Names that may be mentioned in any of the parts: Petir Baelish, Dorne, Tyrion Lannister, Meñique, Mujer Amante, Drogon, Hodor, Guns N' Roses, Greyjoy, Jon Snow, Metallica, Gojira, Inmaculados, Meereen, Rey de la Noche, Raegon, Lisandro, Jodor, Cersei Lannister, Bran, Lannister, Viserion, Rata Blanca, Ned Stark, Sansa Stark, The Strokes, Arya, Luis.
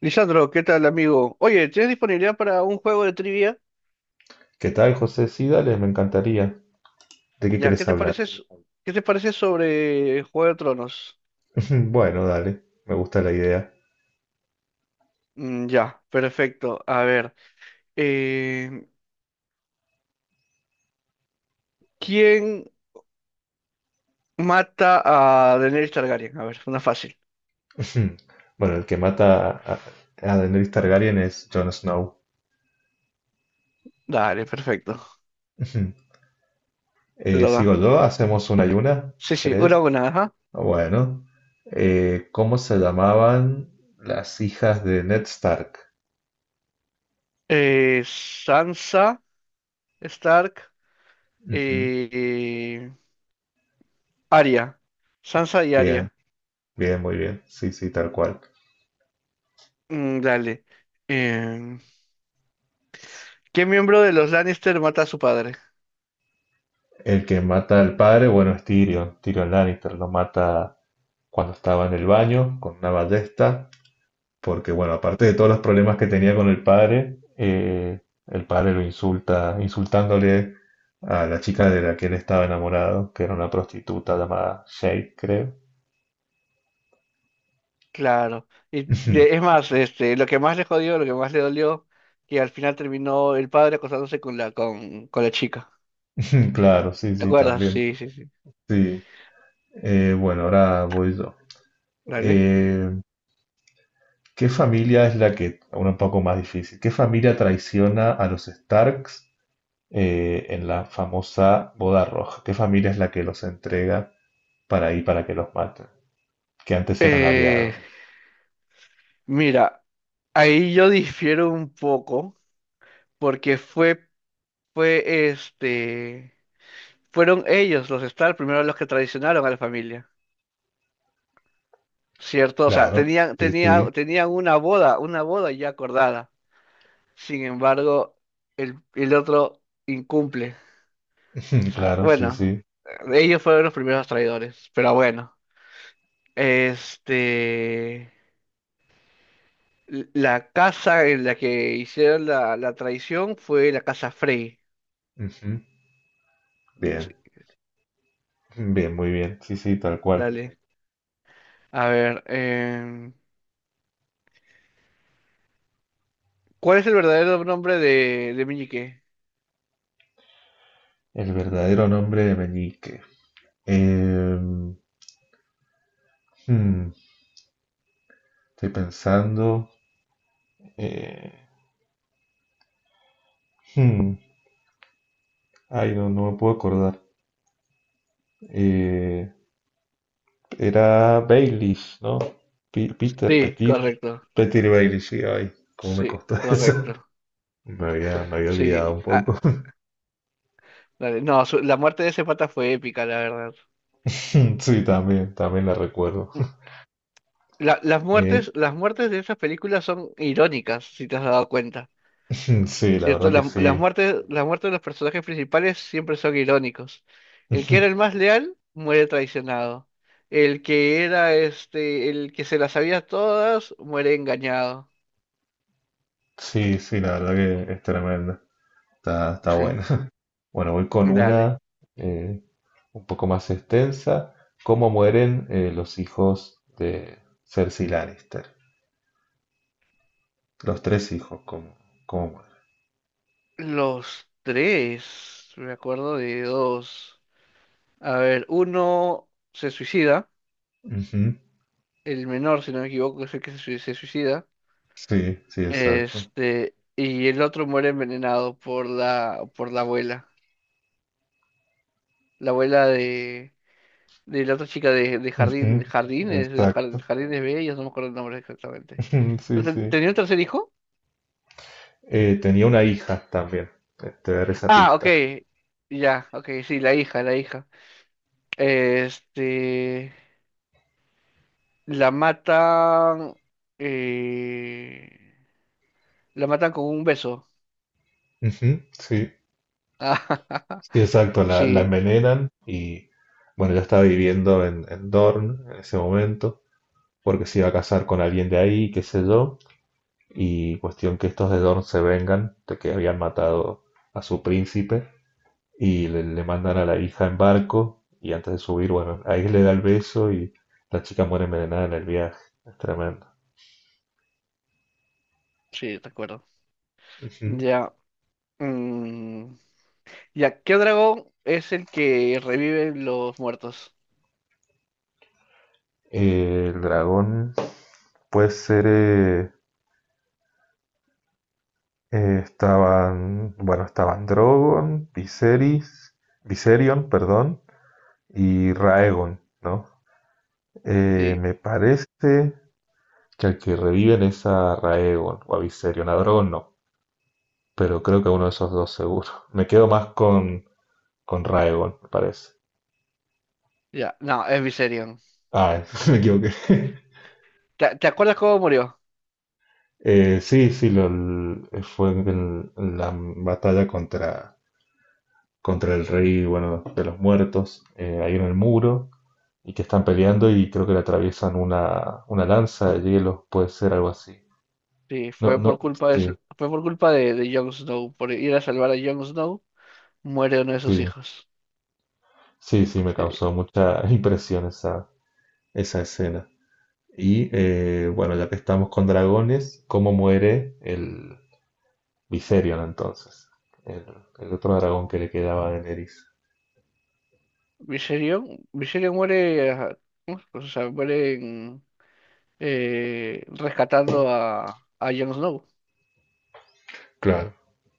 Lisandro, ¿qué tal, amigo? Oye, ¿tienes disponibilidad para un juego de trivia? ¿Qué tal, José? Sí, dale, me encantaría. ¿De qué Ya, ¿qué querés te Sí, hablar? parece, sí, s- ¿Qué te parece sobre Juego de Tronos? Bueno, dale, me gusta la idea. Ya, Perfecto. A ver, eh, ¿quién mata a Daenerys Targaryen? A ver, una fácil. Bueno, el que mata a Daenerys Targaryen es Jon Snow. Dale, perfecto. Te ¿Sigo toca. yo? ¿Hacemos una y una? Sí, sí, una ¿Crees? a una, ajá. Bueno. ¿Cómo se llamaban las hijas de Ned Stark? Sansa, Stark, Ujú. eh, Arya. Sansa y Bien, Arya. bien, muy bien. Sí, sí, tal cual. Mm, dale. Em, ¿Qué miembro de los Lannister mata a su padre? El que mata al padre, bueno, es Tyrion. Tyrion Lannister lo mata cuando estaba en el baño con una ballesta. Porque, bueno, aparte de todos los problemas que tenía con el padre lo insulta, insultándole a la chica de la que él estaba enamorado, que era una prostituta llamada Shay, creo. Claro. Y es más, este, lo que más le jodió, lo que más le dolió, que al final terminó el padre acostándose con la chica. Claro, sí, ¿Te sí, acuerdas? también. Sí, sí, sí. Sí. Bueno, ahora voy yo. Dale. Eh, ¿Qué familia es la que, ahora un poco más difícil, qué familia traiciona a los Starks en la famosa boda roja? ¿Qué familia es la que los entrega para ahí para que los maten? Que antes eran aliados. Eh, mira, ahí yo difiero un poco, porque fue este, fueron ellos los Star primero los que traicionaron a la familia, ¿cierto? O sea, Claro, sí, sí, tenían una boda ya acordada. Sin embargo, el otro incumple. O sea, claro, sí, bueno, sí. ellos fueron los primeros traidores, pero bueno, este, la casa en la que hicieron la traición fue la casa Frey. Ujú. Sí, Bien, bien, muy bien, sí, sí, tal cual. dale. A ver, em, ¿cuál es el verdadero nombre de Meñique? El verdadero nombre de Meñique. Em, hmm, Estoy pensando. eh, hmm, Ay, no, no me puedo acordar. Eh, Era Baelish, ¿no? Peter, Sí, Petir. correcto. Petir Baelish, sí, ay, cómo me Sí, costó eso. correcto. Me había olvidado Sí, un ah, poco. dale. No, la muerte de ese pata fue épica, la verdad. Sí, también, también la recuerdo. Mm, La- Eh, las muertes de esas películas son irónicas, si te has dado cuenta. sí, la ¿Cierto? verdad que sí. Las muertes de los personajes principales siempre son irónicos. El que era el más leal muere traicionado. El que era este, el que se las sabía todas muere engañado. Sí, sí, la verdad que es tremenda. Está Sí, buena. Bueno, voy con dale. una eh, un poco más extensa. ¿Cómo mueren los hijos de Cersei Lannister? Los tres hijos, ¿cómo Los tres, me acuerdo de dos. A ver, uno se suicida, mueren? Ujú. el menor, si no me equivoco, es el que se suicida. Sí, sí, exacto. Este, y el otro muere envenenado por por la abuela. La abuela de la otra chica de jardín, Ujú. jardines, de Exacto. jardines bellos, no me acuerdo el nombre exactamente. Sí, Pero sí. ¿tenía un tercer hijo? Tenía una hija también. Te daré esa Ah, ok, pista. ya, ok, sí, la hija, la hija. Este, la matan, eh, la matan con un beso. Ujú. Sí, sí, exacto. La Sí, envenenan y, bueno, ya estaba viviendo en Dorne en ese momento, porque se iba a casar con alguien de ahí, qué sé yo, y cuestión que estos de Dorne se vengan de que habían matado a su príncipe y le mandan a la hija en barco y antes de subir, bueno, ahí le da el beso y la chica muere envenenada en el viaje, es tremendo. sí, recuerdo. Ujú. Ya, mm, ya, ¿qué dragón es el que revive los muertos? El dragón puede ser. Estaban. Bueno, estaban Drogon, Viserys, Viserion, perdón, y Raegon, ¿no? Eh, Sí, me parece que al que reviven es a Raegon o a Viserion. A Drogon no. Pero creo que a uno de esos dos seguro. Me quedo más con Raegon, me parece. ya, no, es Viserion. Ah, me equivoqué. ¿Te acuerdas cómo murió? Sí, sí, fue en la batalla contra el rey, bueno, de los muertos, ahí en el muro, y que están peleando y creo que le atraviesan una lanza de hielo, puede ser algo así. Sí, No, fue no, por culpa sí, fue por culpa de Jon Snow, por ir a salvar a Jon Snow, muere uno de sus sí, hijos. sí, sí, me Sí. causó mucha impresión esa, esa escena. Y bueno, ya que estamos con dragones, ¿cómo muere el Viserion entonces? El, el otro dragón que le quedaba a Daenerys. Viserion, Viserion muere, ajá, o sea, muere rescatando a Jon Snow Claro,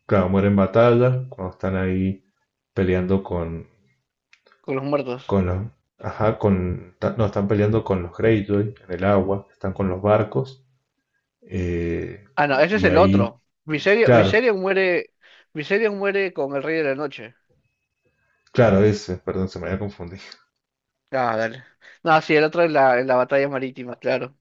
claro, muere en batalla, cuando están ahí peleando con, con los muertos. con los... Ajá, no, están peleando con los Greyjoy en el agua, están con los barcos. eh, Ah, no, ese es y el ahí, otro. Viserion, claro, Viserion muere con el Rey de la Noche. claro, ese, perdón, se me había confundido. Ah, dale. No, sí, el otro en en la batalla marítima, claro.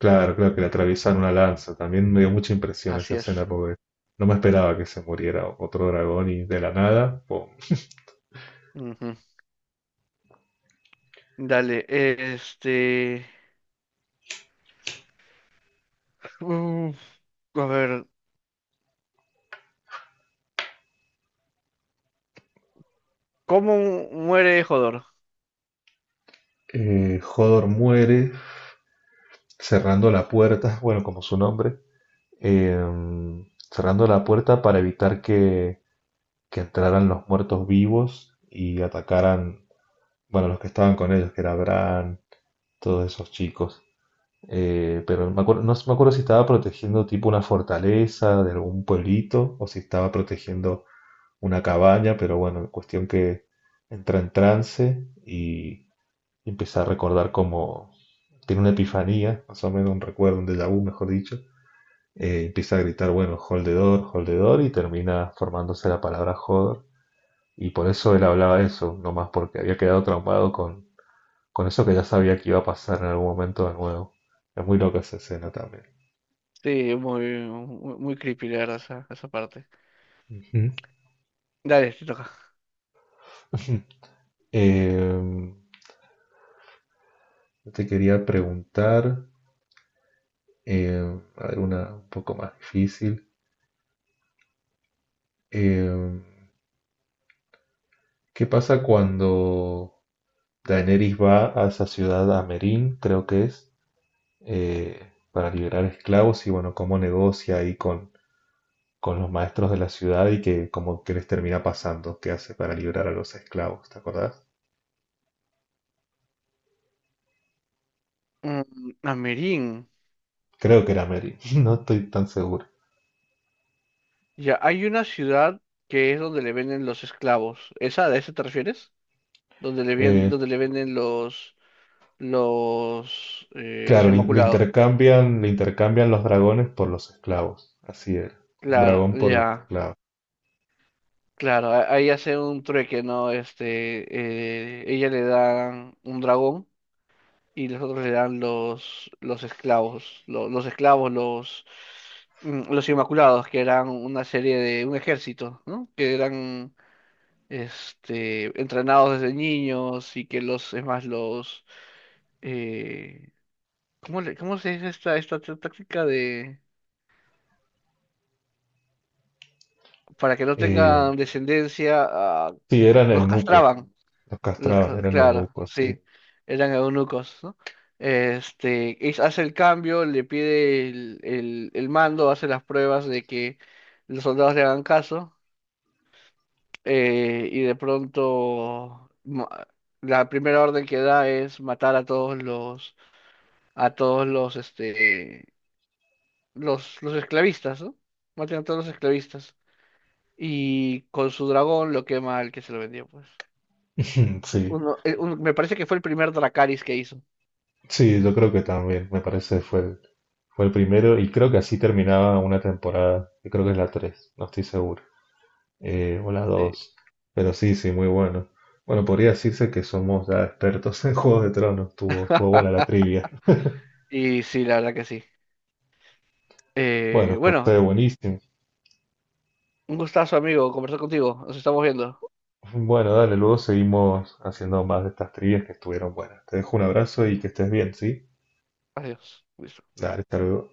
Claro, claro, que le atraviesan una lanza. También me dio mucha impresión Así esa es. escena porque no me esperaba que se muriera otro dragón y de la nada, ¡pum! Ujú. Dale, este... Uf, a ver. ¿Cómo muere Jodor? Hodor muere cerrando la puerta, bueno, como su nombre, eh, cerrando la puerta para evitar que entraran los muertos vivos y atacaran, bueno, los que estaban con ellos, que era Bran, todos esos chicos. Pero no me acuerdo si estaba protegiendo tipo una fortaleza de algún pueblito o si estaba protegiendo una cabaña, pero bueno, cuestión que entra en trance y empieza a recordar cómo tiene una epifanía, más o menos un recuerdo, un déjà vu, mejor dicho. Empieza a gritar, bueno, hold the door, y termina formándose la palabra joder. Y por eso él hablaba eso, nomás porque había quedado traumado con eso que ya sabía que iba a pasar en algún momento de nuevo. Es muy loca esa escena también. Sí, muy, muy, muy creepy, la verdad, esa parte. Ujú. Dale, te toca. Eh, Te quería preguntar alguna un poco más difícil. Eh, ¿Qué pasa cuando Daenerys va a esa ciudad, a Meereen, creo que es, para liberar esclavos y bueno, cómo negocia ahí con los maestros de la ciudad y que como que les termina pasando, qué hace para liberar a los esclavos, ¿te acordás? Mm, Amerin. Creo que era Meereen, no estoy tan seguro. Ya, hay una ciudad que es donde le venden los esclavos. ¿Esa, a esa te refieres? Donde le, Eh, donde le venden los claro, inmaculados. Le intercambian los dragones por los esclavos, así era, un Claro, dragón por los ya, esclavos. claro. Ahí hace un trueque, ¿no? Este, ella le da un dragón y los otros eran los esclavos, los, esclavos, los, mm, los Inmaculados, que eran una serie de un ejército, ¿no? Que eran este, entrenados desde niños y que los, es más, los, eh, ¿cómo cómo se dice esta, esta táctica de, para que no Eh, tengan descendencia, ah, sí, eran los eunucos, castraban. los Los castraban, eran claro, eunucos, sí, sí, eran eunucos, ¿no? Este, hace el cambio, le pide el mando, hace las pruebas de que los soldados le hagan caso, y de pronto la primera orden que da es matar a todos los, este, los esclavistas, ¿no? Maten a todos los esclavistas. Y con su dragón lo quema el que se lo vendió, pues. Sí. Me parece que fue el primer Dracarys que hizo. Sí, yo creo que también, me parece fue el primero y creo que así terminaba una temporada, que creo que es la 3, no estoy seguro, o la Sí. dos, pero sí, sí, muy bueno. Bueno, podría decirse que somos ya expertos en Juegos de Tronos, estuvo, estuvo buena la trivia. Y sí, la verdad que sí. Bueno, José, Bueno, buenísimo. un gustazo, amigo, conversar contigo. Nos estamos viendo. Bueno, dale, luego seguimos haciendo más de estas trivias que estuvieron buenas. Te dejo un abrazo y que estés bien, ¿sí? Adiós. Luis. Dale, hasta luego.